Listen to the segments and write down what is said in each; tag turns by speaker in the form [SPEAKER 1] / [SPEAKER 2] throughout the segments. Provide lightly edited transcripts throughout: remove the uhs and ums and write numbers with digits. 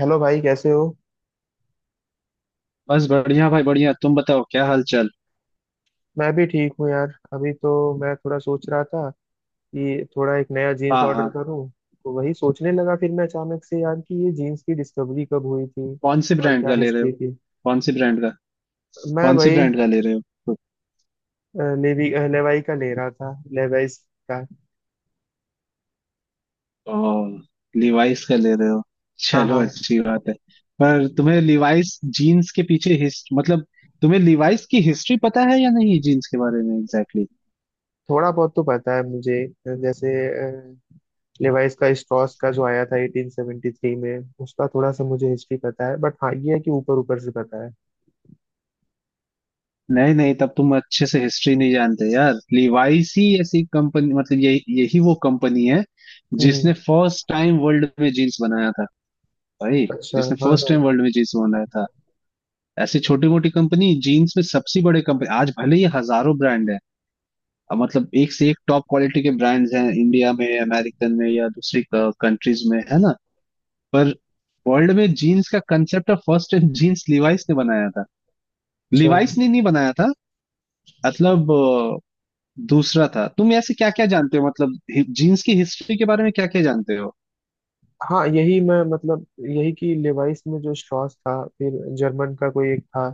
[SPEAKER 1] Hello भाई, कैसे हो।
[SPEAKER 2] बस बढ़िया भाई बढ़िया। तुम बताओ क्या हाल चाल?
[SPEAKER 1] मैं भी ठीक हूँ यार। अभी तो मैं थोड़ा सोच रहा था कि थोड़ा एक नया जीन्स
[SPEAKER 2] हाँ
[SPEAKER 1] ऑर्डर
[SPEAKER 2] हाँ।
[SPEAKER 1] करूँ। तो वही सोचने लगा फिर मैं अचानक से यार कि ये जीन्स की डिस्कवरी कब हुई थी
[SPEAKER 2] कौन सी
[SPEAKER 1] और
[SPEAKER 2] ब्रांड
[SPEAKER 1] क्या
[SPEAKER 2] का ले रहे हो?
[SPEAKER 1] हिस्ट्री थी।
[SPEAKER 2] कौन सी ब्रांड का?
[SPEAKER 1] मैं
[SPEAKER 2] कौन सी
[SPEAKER 1] वही
[SPEAKER 2] ब्रांड का ले रहे हो?
[SPEAKER 1] लेवी लेवाई का ले रहा था, लेवाइस का।
[SPEAKER 2] ओ लिवाइस का ले रहे हो,
[SPEAKER 1] हाँ
[SPEAKER 2] चलो
[SPEAKER 1] हाँ,
[SPEAKER 2] अच्छी बात है। पर तुम्हें लिवाइस जीन्स के पीछे हिस्ट मतलब तुम्हें लिवाइस की हिस्ट्री पता है या नहीं जीन्स के बारे में एग्जैक्टली exactly?
[SPEAKER 1] थोड़ा बहुत तो पता है मुझे, जैसे लेवाइस का स्ट्रॉस का जो आया था 1873 में, उसका थोड़ा सा मुझे हिस्ट्री पता है। बट हाँ, ये है कि ऊपर ऊपर से पता है।
[SPEAKER 2] नहीं नहीं, तब तुम अच्छे से हिस्ट्री नहीं जानते यार। लिवाइस ही ऐसी कंपनी, मतलब यही यही वो कंपनी है
[SPEAKER 1] हम्म।
[SPEAKER 2] जिसने फर्स्ट टाइम वर्ल्ड में जीन्स बनाया था भाई।
[SPEAKER 1] अच्छा,
[SPEAKER 2] जिसने
[SPEAKER 1] हाँ
[SPEAKER 2] फर्स्ट
[SPEAKER 1] हाँ।
[SPEAKER 2] टाइम वर्ल्ड में जींस बनाया था। ऐसी छोटी मोटी कंपनी जीन्स में सबसे बड़े कंपनी, आज भले ही हजारों ब्रांड है। अब मतलब एक से एक टॉप क्वालिटी के ब्रांड्स हैं इंडिया में, अमेरिकन में या दूसरी कंट्रीज में, है ना। पर वर्ल्ड में जीन्स का concept of first time jeans Levi's ने बनाया था।
[SPEAKER 1] अच्छा,
[SPEAKER 2] लिवाइस ने नहीं बनाया था, मतलब दूसरा था। तुम ऐसे क्या क्या जानते हो, मतलब जीन्स की हिस्ट्री के बारे में क्या क्या जानते हो?
[SPEAKER 1] हाँ यही मैं मतलब, यही कि लेवाइस में जो स्ट्रॉस था, फिर जर्मन का कोई एक था,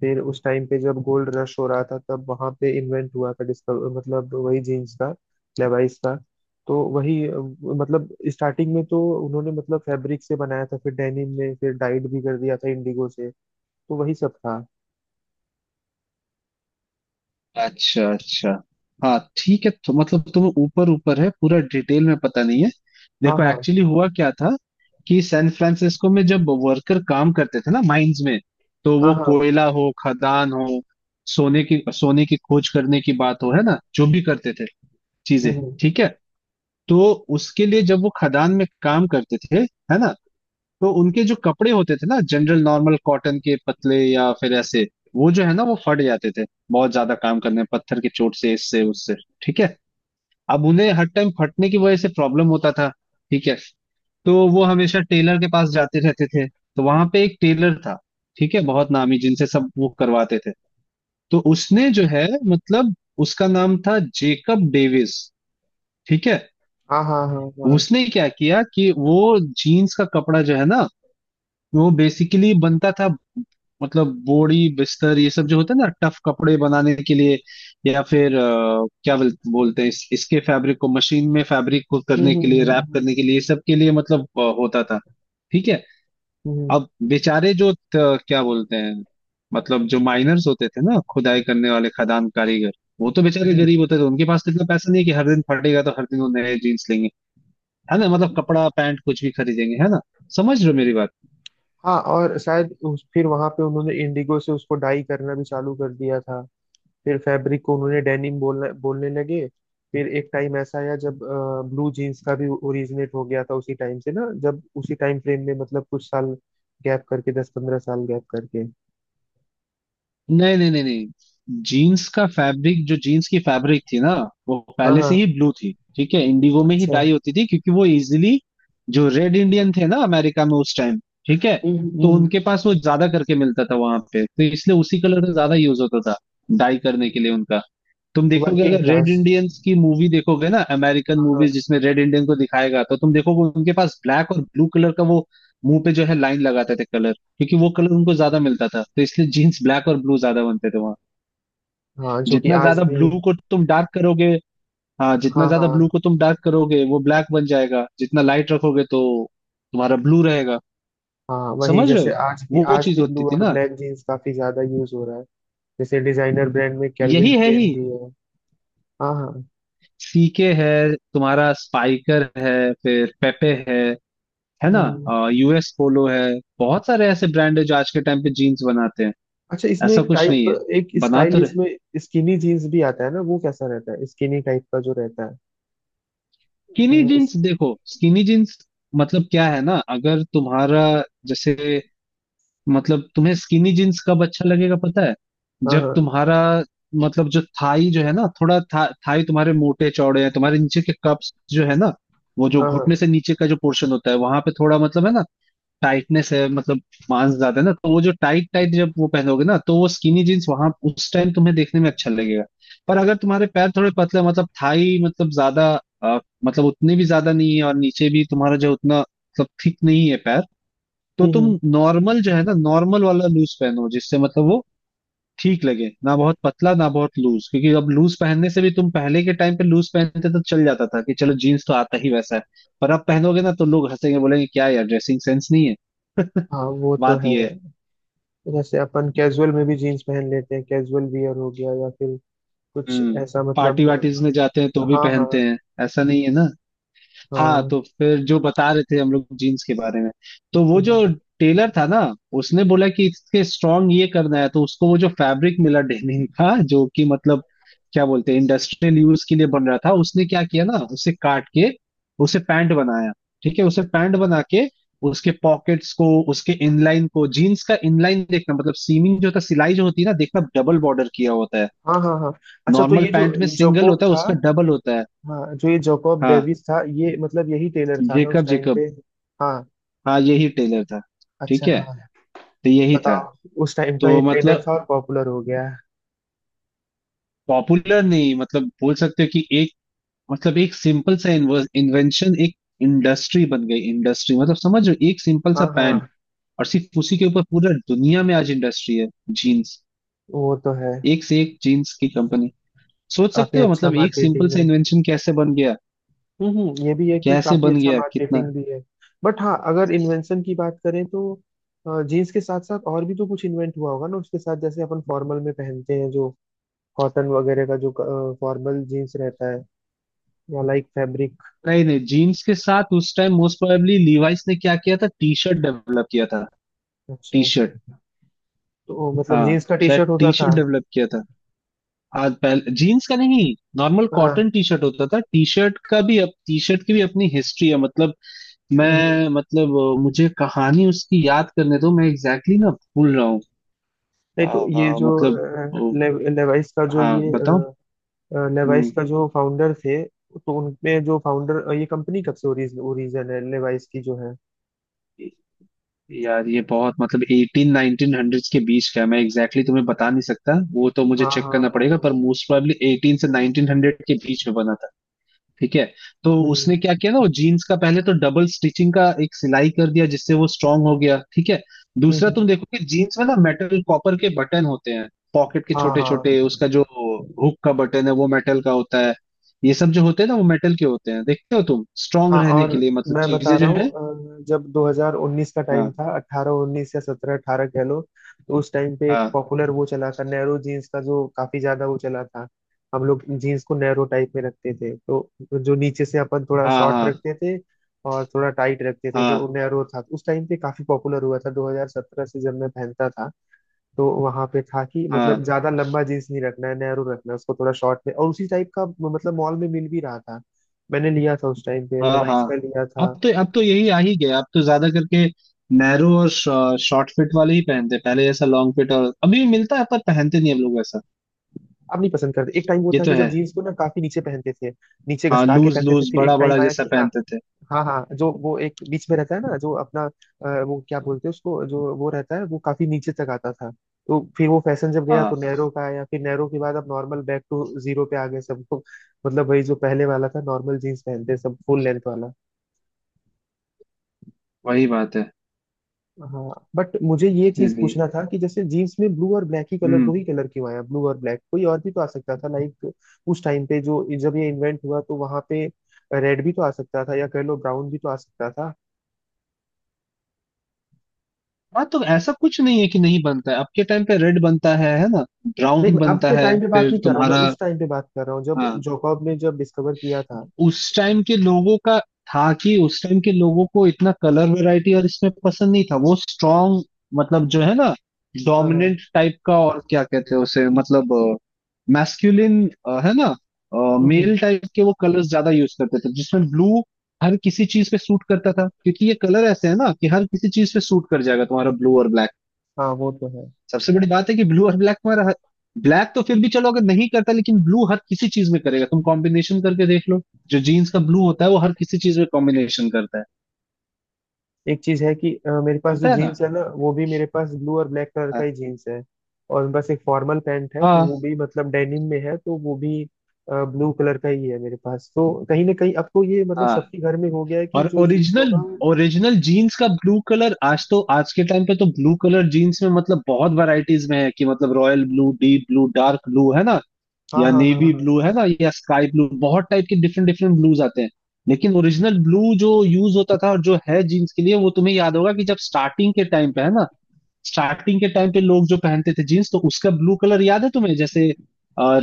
[SPEAKER 1] फिर उस टाइम पे जब गोल्ड रश हो रहा था तब वहां पे इन्वेंट हुआ था, डिस्कवर मतलब, वही जीन्स का, लेवाइस का। तो वही मतलब स्टार्टिंग में तो उन्होंने मतलब फैब्रिक से बनाया था, फिर डेनिम में, फिर डाइड भी कर दिया था इंडिगो से। तो वही सब था।
[SPEAKER 2] अच्छा अच्छा। हाँ ठीक है। तो मतलब तुम्हें ऊपर ऊपर है, पूरा डिटेल में पता नहीं है।
[SPEAKER 1] हाँ
[SPEAKER 2] देखो
[SPEAKER 1] हाँ
[SPEAKER 2] एक्चुअली हुआ क्या था कि सैन फ्रांसिस्को में जब वर्कर काम करते थे ना माइंस में। तो
[SPEAKER 1] हाँ
[SPEAKER 2] वो
[SPEAKER 1] हाँ।
[SPEAKER 2] कोयला हो, खदान हो, सोने की खोज करने की बात हो, है ना, जो भी करते थे चीजें।
[SPEAKER 1] हम्म।
[SPEAKER 2] ठीक है। तो उसके लिए जब वो खदान में काम करते थे, है ना, तो उनके जो कपड़े होते थे ना जनरल नॉर्मल कॉटन के पतले या फिर ऐसे, वो जो है ना वो फट जाते थे। बहुत ज्यादा काम करने, पत्थर की चोट से, इससे उससे। ठीक है। अब उन्हें हर टाइम फटने की वजह से प्रॉब्लम होता था। ठीक है। तो वो हमेशा टेलर के पास जाते रहते थे, तो वहां पे एक टेलर था, ठीक है, बहुत नामी, जिनसे सब वो करवाते थे। तो उसने जो है, मतलब उसका नाम था जेकब डेविस। ठीक है।
[SPEAKER 1] हाँ हाँ हाँ हाँ।
[SPEAKER 2] उसने क्या किया कि वो जीन्स का कपड़ा जो है ना, वो बेसिकली बनता था, मतलब बोड़ी बिस्तर ये सब जो होता है ना, टफ कपड़े बनाने के लिए या फिर क्या बोलते हैं, इसके फैब्रिक को मशीन में, फैब्रिक को
[SPEAKER 1] हम्म
[SPEAKER 2] करने के
[SPEAKER 1] हम्म
[SPEAKER 2] लिए,
[SPEAKER 1] हम्म
[SPEAKER 2] रैप करने के
[SPEAKER 1] हम्म
[SPEAKER 2] लिए, ये सब के लिए मतलब होता था। ठीक है।
[SPEAKER 1] हम्म।
[SPEAKER 2] अब बेचारे जो क्या बोलते हैं, मतलब जो माइनर्स होते थे ना, खुदाई करने वाले खदान कारीगर, वो तो बेचारे
[SPEAKER 1] हम्म।
[SPEAKER 2] गरीब होते थे। उनके पास तो इतना पैसा नहीं है कि हर दिन फटेगा तो हर दिन वो नए जीन्स लेंगे, है ना, मतलब कपड़ा, पैंट कुछ भी खरीदेंगे, है ना। समझ रहे हो मेरी बात।
[SPEAKER 1] हाँ, और शायद उस फिर वहां पे उन्होंने इंडिगो से उसको डाई करना भी चालू कर दिया था। फिर फैब्रिक को उन्होंने डेनिम बोलने बोलने लगे। फिर एक टाइम ऐसा आया जब ब्लू जीन्स का भी ओरिजिनेट हो गया था उसी टाइम से ना, जब उसी टाइम फ्रेम में मतलब कुछ साल गैप करके, 10 15 साल गैप करके।
[SPEAKER 2] नहीं नहीं नहीं नहीं। जीन्स का फैब्रिक, जो जीन्स की फैब्रिक थी ना, वो
[SPEAKER 1] हाँ
[SPEAKER 2] पहले से ही
[SPEAKER 1] हाँ।
[SPEAKER 2] ब्लू थी। ठीक है, इंडिगो में ही
[SPEAKER 1] अच्छा।
[SPEAKER 2] डाई होती थी क्योंकि वो इजीली। जो रेड इंडियन थे ना अमेरिका में, उस टाइम, ठीक है,
[SPEAKER 1] हम्म हम्म,
[SPEAKER 2] तो
[SPEAKER 1] हम्म।
[SPEAKER 2] उनके पास वो ज्यादा करके मिलता था वहां पे, तो इसलिए उसी कलर का ज्यादा यूज होता था डाई करने के लिए उनका। तुम देखोगे,
[SPEAKER 1] वर्किंग
[SPEAKER 2] अगर रेड
[SPEAKER 1] क्लास।
[SPEAKER 2] इंडियंस की मूवी देखोगे ना, अमेरिकन मूवीज
[SPEAKER 1] हाँ
[SPEAKER 2] जिसमें रेड इंडियन को दिखाएगा, तो तुम देखोगे उनके पास ब्लैक और ब्लू कलर का वो मुंह पे जो है लाइन लगाते थे कलर, क्योंकि वो कलर उनको ज्यादा मिलता था, तो इसलिए जीन्स ब्लैक और ब्लू ज्यादा बनते थे वहाँ।
[SPEAKER 1] हाँ, जो कि
[SPEAKER 2] जितना
[SPEAKER 1] आज
[SPEAKER 2] ज्यादा
[SPEAKER 1] भी।
[SPEAKER 2] ब्लू को तुम डार्क करोगे, हाँ, जितना
[SPEAKER 1] हाँ
[SPEAKER 2] ज्यादा ब्लू
[SPEAKER 1] हाँ,
[SPEAKER 2] को तुम डार्क करोगे वो ब्लैक बन जाएगा, जितना लाइट रखोगे तो तुम्हारा ब्लू रहेगा।
[SPEAKER 1] हाँ वही,
[SPEAKER 2] समझ रहे
[SPEAKER 1] जैसे
[SPEAKER 2] हो।
[SPEAKER 1] आज भी,
[SPEAKER 2] वो
[SPEAKER 1] आज
[SPEAKER 2] चीज
[SPEAKER 1] भी
[SPEAKER 2] होती
[SPEAKER 1] ब्लू
[SPEAKER 2] थी
[SPEAKER 1] और
[SPEAKER 2] ना।
[SPEAKER 1] ब्लैक जीन्स काफी ज्यादा यूज हो रहा है। जैसे डिजाइनर ब्रांड में कैल्विन
[SPEAKER 2] यही है ही।
[SPEAKER 1] क्लेन भी है। हाँ हाँ।
[SPEAKER 2] सीके है, तुम्हारा स्पाइकर है, फिर पेपे है ना,
[SPEAKER 1] हम्म।
[SPEAKER 2] यूएस पोलो है। बहुत सारे ऐसे ब्रांड है जो आज के टाइम पे जीन्स बनाते हैं।
[SPEAKER 1] अच्छा, इसमें
[SPEAKER 2] ऐसा
[SPEAKER 1] एक
[SPEAKER 2] कुछ नहीं
[SPEAKER 1] टाइप,
[SPEAKER 2] है,
[SPEAKER 1] एक
[SPEAKER 2] बना
[SPEAKER 1] स्टाइल
[SPEAKER 2] तो रहे।
[SPEAKER 1] इसमें स्किनी जीन्स भी आता है ना, वो कैसा रहता है, स्किनी टाइप का जो रहता है।
[SPEAKER 2] स्किनी
[SPEAKER 1] हाँ
[SPEAKER 2] जीन्स
[SPEAKER 1] इस-
[SPEAKER 2] देखो। स्किनी जीन्स मतलब क्या है ना, अगर तुम्हारा, जैसे, मतलब तुम्हें स्किनी जीन्स कब अच्छा लगेगा पता है?
[SPEAKER 1] हाँ
[SPEAKER 2] जब
[SPEAKER 1] हाँ
[SPEAKER 2] तुम्हारा, मतलब जो थाई जो है ना थोड़ा थाई तुम्हारे मोटे चौड़े हैं, तुम्हारे नीचे के कप्स जो है ना, वो जो
[SPEAKER 1] हाँ हाँ।
[SPEAKER 2] घुटने से नीचे का जो पोर्शन होता है वहां पे थोड़ा, मतलब है ना टाइटनेस है, मतलब मांस ज्यादा है ना, तो वो जो टाइट टाइट जब वो पहनोगे ना, तो वो स्किनी जीन्स वहां उस टाइम तुम्हें देखने में अच्छा लगेगा। पर अगर तुम्हारे पैर थोड़े पतले, मतलब थाई, मतलब ज्यादा अ, मतलब उतने भी ज्यादा नहीं है और नीचे भी तुम्हारा जो उतना मतलब थिक नहीं है पैर, तो तुम
[SPEAKER 1] हम्म।
[SPEAKER 2] नॉर्मल जो है ना, नॉर्मल वाला लूज पहनो जिससे मतलब वो ठीक लगे, ना बहुत पतला ना बहुत लूज। क्योंकि अब लूज पहनने से भी, तुम पहले के टाइम पे लूज पहनते तो चल जाता था कि चलो जीन्स तो आता ही वैसा है, पर अब पहनोगे ना तो लोग हंसेंगे, बोलेंगे क्या यार ड्रेसिंग सेंस नहीं है।
[SPEAKER 1] हाँ वो तो
[SPEAKER 2] बात
[SPEAKER 1] है।
[SPEAKER 2] ये है।
[SPEAKER 1] जैसे अपन कैजुअल में भी जीन्स पहन लेते हैं, कैजुअल वियर हो गया, या फिर कुछ
[SPEAKER 2] हम्म।
[SPEAKER 1] ऐसा
[SPEAKER 2] पार्टी
[SPEAKER 1] मतलब।
[SPEAKER 2] वार्टीज में जाते हैं तो
[SPEAKER 1] हाँ
[SPEAKER 2] भी
[SPEAKER 1] हाँ
[SPEAKER 2] पहनते
[SPEAKER 1] हाँ।
[SPEAKER 2] हैं, ऐसा नहीं है ना। हाँ,
[SPEAKER 1] हाँ
[SPEAKER 2] तो फिर जो बता रहे थे हम लोग जीन्स के बारे में, तो वो जो टेलर था ना, उसने बोला कि इसके स्ट्रॉन्ग ये करना है, तो उसको वो जो फैब्रिक मिला डेनिम का, जो कि मतलब क्या बोलते हैं इंडस्ट्रियल यूज के लिए बन रहा था, उसने क्या किया ना उसे काट के उसे पैंट बनाया। ठीक है। उसे पैंट बना के उसके पॉकेट्स को, उसके इनलाइन को, जीन्स का इनलाइन देखना मतलब सीमिंग जो था, सिलाई जो होती है ना, देखना डबल बॉर्डर किया होता है,
[SPEAKER 1] हाँ हाँ हाँ। अच्छा, तो
[SPEAKER 2] नॉर्मल
[SPEAKER 1] ये जो
[SPEAKER 2] पैंट में सिंगल
[SPEAKER 1] जोकोब
[SPEAKER 2] होता है,
[SPEAKER 1] था,
[SPEAKER 2] उसका डबल होता है।
[SPEAKER 1] हाँ, जो ये जोकोब
[SPEAKER 2] हाँ
[SPEAKER 1] डेविस था, ये मतलब यही टेलर था ना उस
[SPEAKER 2] जेकब
[SPEAKER 1] टाइम
[SPEAKER 2] जेकब,
[SPEAKER 1] पे। हाँ।
[SPEAKER 2] हाँ यही टेलर था।
[SPEAKER 1] अच्छा,
[SPEAKER 2] ठीक है,
[SPEAKER 1] हाँ
[SPEAKER 2] तो यही था।
[SPEAKER 1] बताओ। उस टाइम का ये
[SPEAKER 2] तो
[SPEAKER 1] ट्रेंड
[SPEAKER 2] मतलब
[SPEAKER 1] था और पॉपुलर हो गया है।
[SPEAKER 2] पॉपुलर नहीं, मतलब बोल सकते हो कि एक, मतलब एक सिंपल सा इन्वेंशन एक इंडस्ट्री बन गई। इंडस्ट्री मतलब समझ रहे हो, एक सिंपल
[SPEAKER 1] हाँ
[SPEAKER 2] सा पैंट
[SPEAKER 1] हाँ,
[SPEAKER 2] और सिर्फ उसी के ऊपर पूरा दुनिया में आज इंडस्ट्री है जीन्स।
[SPEAKER 1] वो तो है।
[SPEAKER 2] एक से एक जीन्स की कंपनी। सोच
[SPEAKER 1] काफी
[SPEAKER 2] सकते हो
[SPEAKER 1] अच्छा
[SPEAKER 2] मतलब एक सिंपल
[SPEAKER 1] मार्केटिंग
[SPEAKER 2] सा
[SPEAKER 1] है।
[SPEAKER 2] इन्वेंशन कैसे बन गया,
[SPEAKER 1] ये भी है कि
[SPEAKER 2] कैसे
[SPEAKER 1] काफी
[SPEAKER 2] बन
[SPEAKER 1] अच्छा
[SPEAKER 2] गया, कितना।
[SPEAKER 1] मार्केटिंग भी है। बट हाँ, अगर इन्वेंशन की बात करें तो जीन्स के साथ साथ और भी तो कुछ इन्वेंट हुआ होगा ना उसके साथ, जैसे अपन फॉर्मल में पहनते हैं जो कॉटन वगैरह का जो फॉर्मल जीन्स रहता है, या लाइक फैब्रिक।
[SPEAKER 2] नहीं नहीं, जीन्स के साथ उस टाइम मोस्ट प्रोबेबली लीवाइस ने क्या किया था, टी शर्ट डेवलप किया था। टी
[SPEAKER 1] अच्छा,
[SPEAKER 2] शर्ट।
[SPEAKER 1] तो मतलब
[SPEAKER 2] हाँ
[SPEAKER 1] जीन्स का टी
[SPEAKER 2] शायद
[SPEAKER 1] शर्ट होता
[SPEAKER 2] टी
[SPEAKER 1] था।
[SPEAKER 2] शर्ट डेवलप किया था। आज पहले जीन्स का नहीं, नॉर्मल
[SPEAKER 1] हाँ।
[SPEAKER 2] कॉटन टी शर्ट होता था। टी शर्ट का भी, अब टी शर्ट की भी अपनी हिस्ट्री है मतलब।
[SPEAKER 1] हम्म हम्म।
[SPEAKER 2] मैं मतलब मुझे कहानी उसकी याद करने दो। मैं एग्जैक्टली exactly ना भूल रहा हूँ।
[SPEAKER 1] नहीं, तो ये जो
[SPEAKER 2] मतलब
[SPEAKER 1] लेवाइस का जो
[SPEAKER 2] हाँ
[SPEAKER 1] ये,
[SPEAKER 2] बताओ।
[SPEAKER 1] लेवाइस
[SPEAKER 2] हम्म।
[SPEAKER 1] का जो फाउंडर थे, तो उनमें जो फाउंडर, ये कंपनी कब से ओरिजिन ओरिजिन है, लेवाइस की जो है।
[SPEAKER 2] यार ये बहुत मतलब एटीन नाइनटीन हंड्रेड्स के बीच का है। मैं एग्जैक्टली exactly तुम्हें बता नहीं सकता, वो तो मुझे
[SPEAKER 1] हाँ
[SPEAKER 2] चेक
[SPEAKER 1] हाँ
[SPEAKER 2] करना
[SPEAKER 1] हाँ
[SPEAKER 2] पड़ेगा, पर
[SPEAKER 1] हाँ।
[SPEAKER 2] मोस्ट प्रोबेबली एटीन से नाइनटीन हंड्रेड के बीच में बना था। ठीक है। तो
[SPEAKER 1] हम्म
[SPEAKER 2] उसने क्या किया ना, वो जीन्स का पहले तो डबल स्टिचिंग का एक सिलाई कर दिया जिससे वो स्ट्रांग हो गया। ठीक है।
[SPEAKER 1] हम्म
[SPEAKER 2] दूसरा,
[SPEAKER 1] हम्म।
[SPEAKER 2] तुम देखो कि जीन्स में ना मेटल कॉपर के बटन होते हैं, पॉकेट के
[SPEAKER 1] हाँ
[SPEAKER 2] छोटे
[SPEAKER 1] हाँ
[SPEAKER 2] छोटे उसका जो हुक का बटन है वो मेटल का होता है, ये सब जो होते हैं ना वो मेटल के होते हैं, देखते हो तुम, स्ट्रांग
[SPEAKER 1] हाँ।
[SPEAKER 2] रहने
[SPEAKER 1] और
[SPEAKER 2] के लिए मतलब
[SPEAKER 1] मैं बता
[SPEAKER 2] चीजें जो
[SPEAKER 1] रहा
[SPEAKER 2] है।
[SPEAKER 1] हूँ जब 2019 का टाइम
[SPEAKER 2] हाँ
[SPEAKER 1] था, 18 19 या 17 18 कह लो, तो उस टाइम पे एक
[SPEAKER 2] हाँ
[SPEAKER 1] पॉपुलर वो चला था, नैरो जीन्स का जो काफी ज्यादा वो चला था। हम लोग जीन्स को नैरो टाइप में रखते थे, तो जो नीचे से अपन थोड़ा
[SPEAKER 2] हाँ
[SPEAKER 1] शॉर्ट
[SPEAKER 2] हाँ
[SPEAKER 1] रखते थे और थोड़ा टाइट रखते थे,
[SPEAKER 2] हाँ
[SPEAKER 1] तो नैरो था उस टाइम पे, काफी पॉपुलर हुआ था 2017 से, जब मैं पहनता था। तो वहां पे था कि मतलब
[SPEAKER 2] हाँ
[SPEAKER 1] ज्यादा लंबा जीन्स नहीं रखना है, नैरो रखना है उसको, थोड़ा शॉर्ट में, और उसी टाइप का मतलब मॉल में मिल भी रहा था। मैंने लिया था उस टाइम पे,
[SPEAKER 2] हाँ हाँ।
[SPEAKER 1] लेवाइस का लिया था।
[SPEAKER 2] अब तो यही आ ही गया। अब तो ज्यादा करके नैरो और शॉर्ट फिट वाले ही पहनते हैं। पहले जैसा लॉन्ग फिट और अभी भी मिलता है पर पहनते नहीं हम लोग ऐसा।
[SPEAKER 1] अब नहीं पसंद करते। एक टाइम वो
[SPEAKER 2] ये
[SPEAKER 1] था
[SPEAKER 2] तो
[SPEAKER 1] कि
[SPEAKER 2] है।
[SPEAKER 1] जब जीन्स को ना काफी नीचे पहनते थे, नीचे
[SPEAKER 2] हाँ
[SPEAKER 1] घसका के
[SPEAKER 2] लूज
[SPEAKER 1] पहनते थे,
[SPEAKER 2] लूज
[SPEAKER 1] फिर एक
[SPEAKER 2] बड़ा बड़ा
[SPEAKER 1] टाइम आया
[SPEAKER 2] जैसा
[SPEAKER 1] कि हाँ,
[SPEAKER 2] पहनते थे।
[SPEAKER 1] हाँ हाँ, जो वो एक बीच में रहता है ना जो अपना, वो क्या बोलते हैं उसको, जो वो रहता है वो काफी नीचे तक आता था। तो फिर वो फैशन जब गया
[SPEAKER 2] हाँ
[SPEAKER 1] तो नैरो का आया, फिर नैरो के बाद अब नॉर्मल बैक टू जीरो पे आ गए सब लोग, मतलब वही जो पहले वाला था, नॉर्मल जीन्स पहनते सब, फुल लेंथ वाला।
[SPEAKER 2] वही बात है।
[SPEAKER 1] हाँ। बट मुझे ये चीज
[SPEAKER 2] इसीलिए।
[SPEAKER 1] पूछना था कि जैसे जीन्स में ब्लू और ब्लैक ही कलर,
[SPEAKER 2] हम्म।
[SPEAKER 1] दो ही कलर क्यों आया, ब्लू और ब्लैक, कोई और भी तो आ सकता था लाइक। उस टाइम पे जो जब ये इन्वेंट हुआ, तो वहां पे रेड भी तो आ सकता था या कह लो ब्राउन भी तो आ सकता था।
[SPEAKER 2] हाँ तो ऐसा कुछ नहीं है कि नहीं बनता है, अब के टाइम पे रेड बनता है ना,
[SPEAKER 1] नहीं,
[SPEAKER 2] ब्राउन
[SPEAKER 1] मैं अब
[SPEAKER 2] बनता
[SPEAKER 1] के
[SPEAKER 2] है
[SPEAKER 1] टाइम पे बात
[SPEAKER 2] फिर
[SPEAKER 1] नहीं कर रहा हूँ, मैं
[SPEAKER 2] तुम्हारा।
[SPEAKER 1] उस टाइम पे बात कर रहा हूँ जब
[SPEAKER 2] हाँ।
[SPEAKER 1] जोकॉब ने जब डिस्कवर किया था।
[SPEAKER 2] उस टाइम के लोगों का, था कि उस टाइम के लोगों को इतना कलर वैरायटी और इसमें पसंद नहीं था, वो स्ट्रॉन्ग मतलब जो है ना
[SPEAKER 1] हाँ हाँ।
[SPEAKER 2] डोमिनेंट टाइप का, और क्या कहते हैं उसे, मतलब मैस्कुलिन, है ना,
[SPEAKER 1] हम्म।
[SPEAKER 2] मेल टाइप के वो कलर्स ज्यादा यूज करते थे, जिसमें ब्लू हर किसी चीज पे सूट करता था क्योंकि ये कलर ऐसे है ना कि हर किसी चीज पे सूट कर जाएगा तुम्हारा ब्लू और ब्लैक।
[SPEAKER 1] हाँ वो तो है।
[SPEAKER 2] सबसे बड़ी बात है कि ब्लू और ब्लैक में, ब्लैक तो फिर भी चलो अगर नहीं करता, लेकिन ब्लू हर किसी चीज में करेगा। तुम कॉम्बिनेशन करके देख लो, जो जीन्स का ब्लू होता है वो हर किसी चीज में कॉम्बिनेशन करता है,
[SPEAKER 1] एक चीज है कि मेरे पास जो
[SPEAKER 2] करता है
[SPEAKER 1] जीन्स
[SPEAKER 2] ना।
[SPEAKER 1] है ना, वो भी मेरे पास ब्लू और ब्लैक कलर का ही जीन्स है, और बस एक फॉर्मल पैंट है तो वो
[SPEAKER 2] हाँ
[SPEAKER 1] भी मतलब डेनिम में है, तो वो भी ब्लू कलर का ही है मेरे पास। तो कहीं ना कहीं अब तो ये मतलब
[SPEAKER 2] हाँ।
[SPEAKER 1] सबके घर में हो गया है कि
[SPEAKER 2] और
[SPEAKER 1] जो जीन्स
[SPEAKER 2] ओरिजिनल,
[SPEAKER 1] होगा।
[SPEAKER 2] ओरिजिनल जीन्स का ब्लू कलर, आज तो, आज के टाइम पे तो ब्लू कलर जीन्स में मतलब बहुत वैरायटीज में है, कि मतलब royal blue, deep blue, dark blue, है ना,
[SPEAKER 1] हाँ
[SPEAKER 2] या
[SPEAKER 1] हाँ हाँ
[SPEAKER 2] नेवी
[SPEAKER 1] हाँ।
[SPEAKER 2] ब्लू है ना, या स्काई ब्लू, बहुत टाइप के डिफरेंट डिफरेंट ब्लूज आते हैं। लेकिन ओरिजिनल ब्लू जो यूज होता था और जो है जीन्स के लिए, वो तुम्हें याद होगा कि जब स्टार्टिंग के टाइम पे है ना, स्टार्टिंग के टाइम पे लोग जो पहनते थे जीन्स, तो उसका ब्लू कलर याद है तुम्हें जैसे,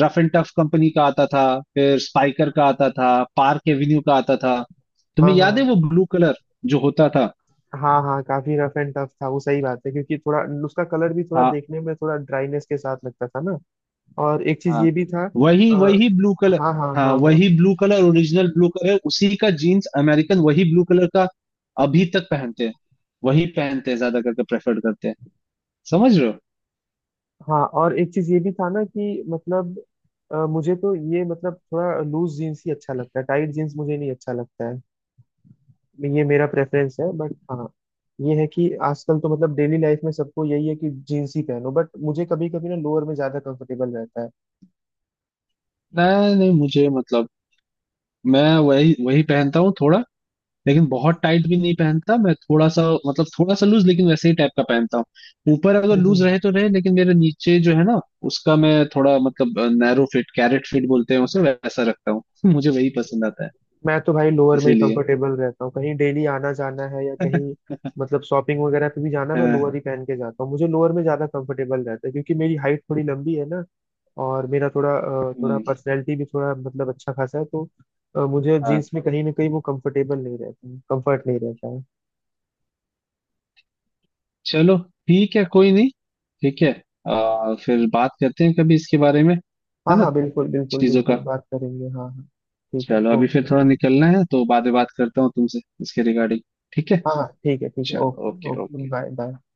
[SPEAKER 2] रफ एंड टफ कंपनी का आता था, फिर स्पाइकर का आता था, पार्क एवेन्यू का आता था,
[SPEAKER 1] हाँ
[SPEAKER 2] तुम्हें याद है
[SPEAKER 1] हाँ
[SPEAKER 2] वो ब्लू कलर जो होता था।
[SPEAKER 1] हाँ हाँ, काफी रफ एंड टफ था वो, सही बात है क्योंकि थोड़ा उसका कलर भी थोड़ा
[SPEAKER 2] हाँ
[SPEAKER 1] देखने में थोड़ा ड्राईनेस के साथ लगता था ना। और एक चीज
[SPEAKER 2] हाँ।
[SPEAKER 1] ये भी था।
[SPEAKER 2] वही
[SPEAKER 1] आ,
[SPEAKER 2] वही ब्लू कलर।
[SPEAKER 1] हाँ हाँ
[SPEAKER 2] हाँ
[SPEAKER 1] हाँ हाँ।
[SPEAKER 2] वही blue colour, original blue colour उसी का, जीन्स अमेरिकन वही ब्लू कलर का अभी तक पहनते हैं, वही पहनते हैं, ज्यादा करके प्रेफर्ड करते हैं। समझ रहे हो।
[SPEAKER 1] हाँ, और एक चीज ये भी था ना कि मतलब मुझे तो ये मतलब थोड़ा लूज जीन्स ही अच्छा लगता है, टाइट जीन्स मुझे नहीं अच्छा लगता है, ये मेरा प्रेफरेंस है। बट हाँ, ये है कि आजकल तो मतलब डेली लाइफ में सबको यही है कि जीन्स ही पहनो, बट मुझे कभी कभी ना लोअर में ज्यादा कंफर्टेबल रहता है।
[SPEAKER 2] नहीं नहीं, मुझे मतलब, मैं वही वही पहनता हूँ थोड़ा, लेकिन बहुत टाइट भी नहीं पहनता। मैं थोड़ा सा मतलब थोड़ा सा लूज लेकिन वैसे ही टाइप का पहनता हूँ, ऊपर अगर लूज
[SPEAKER 1] हम्म।
[SPEAKER 2] रहे तो रहे लेकिन मेरे नीचे जो है ना उसका मैं थोड़ा मतलब नैरो फिट, कैरेट फिट बोलते हैं उसे, वैसा रखता हूँ मुझे वही पसंद आता है।
[SPEAKER 1] मैं तो भाई लोअर में ही
[SPEAKER 2] इसीलिए
[SPEAKER 1] कंफर्टेबल रहता हूँ, कहीं डेली आना जाना है या कहीं मतलब शॉपिंग वगैरह पे भी जाना, मैं
[SPEAKER 2] हाँ,
[SPEAKER 1] लोअर ही पहन के जाता हूँ। मुझे लोअर में ज्यादा कंफर्टेबल रहता है, क्योंकि मेरी हाइट थोड़ी लंबी है ना, और मेरा थोड़ा थोड़ा
[SPEAKER 2] नहीं,
[SPEAKER 1] पर्सनैलिटी भी थोड़ा मतलब अच्छा खासा है, तो मुझे
[SPEAKER 2] हाँ
[SPEAKER 1] जीन्स में कहीं ना कहीं वो कंफर्टेबल नहीं रहती, कंफर्ट नहीं रहता है।
[SPEAKER 2] चलो ठीक है, कोई नहीं, ठीक है। फिर बात करते हैं कभी इसके बारे में, है
[SPEAKER 1] हाँ
[SPEAKER 2] ना,
[SPEAKER 1] हाँ, बिल्कुल बिल्कुल
[SPEAKER 2] चीजों
[SPEAKER 1] बिल्कुल
[SPEAKER 2] का।
[SPEAKER 1] बात करेंगे, हाँ हाँ, ठीक है,
[SPEAKER 2] चलो अभी फिर
[SPEAKER 1] ओके।
[SPEAKER 2] थोड़ा निकलना है तो बाद में बात करता हूँ तुमसे इसके रिगार्डिंग। ठीक है।
[SPEAKER 1] हाँ हाँ, ठीक है, ठीक है,
[SPEAKER 2] चलो
[SPEAKER 1] okay
[SPEAKER 2] okay
[SPEAKER 1] okay,
[SPEAKER 2] okay.
[SPEAKER 1] Bye bye.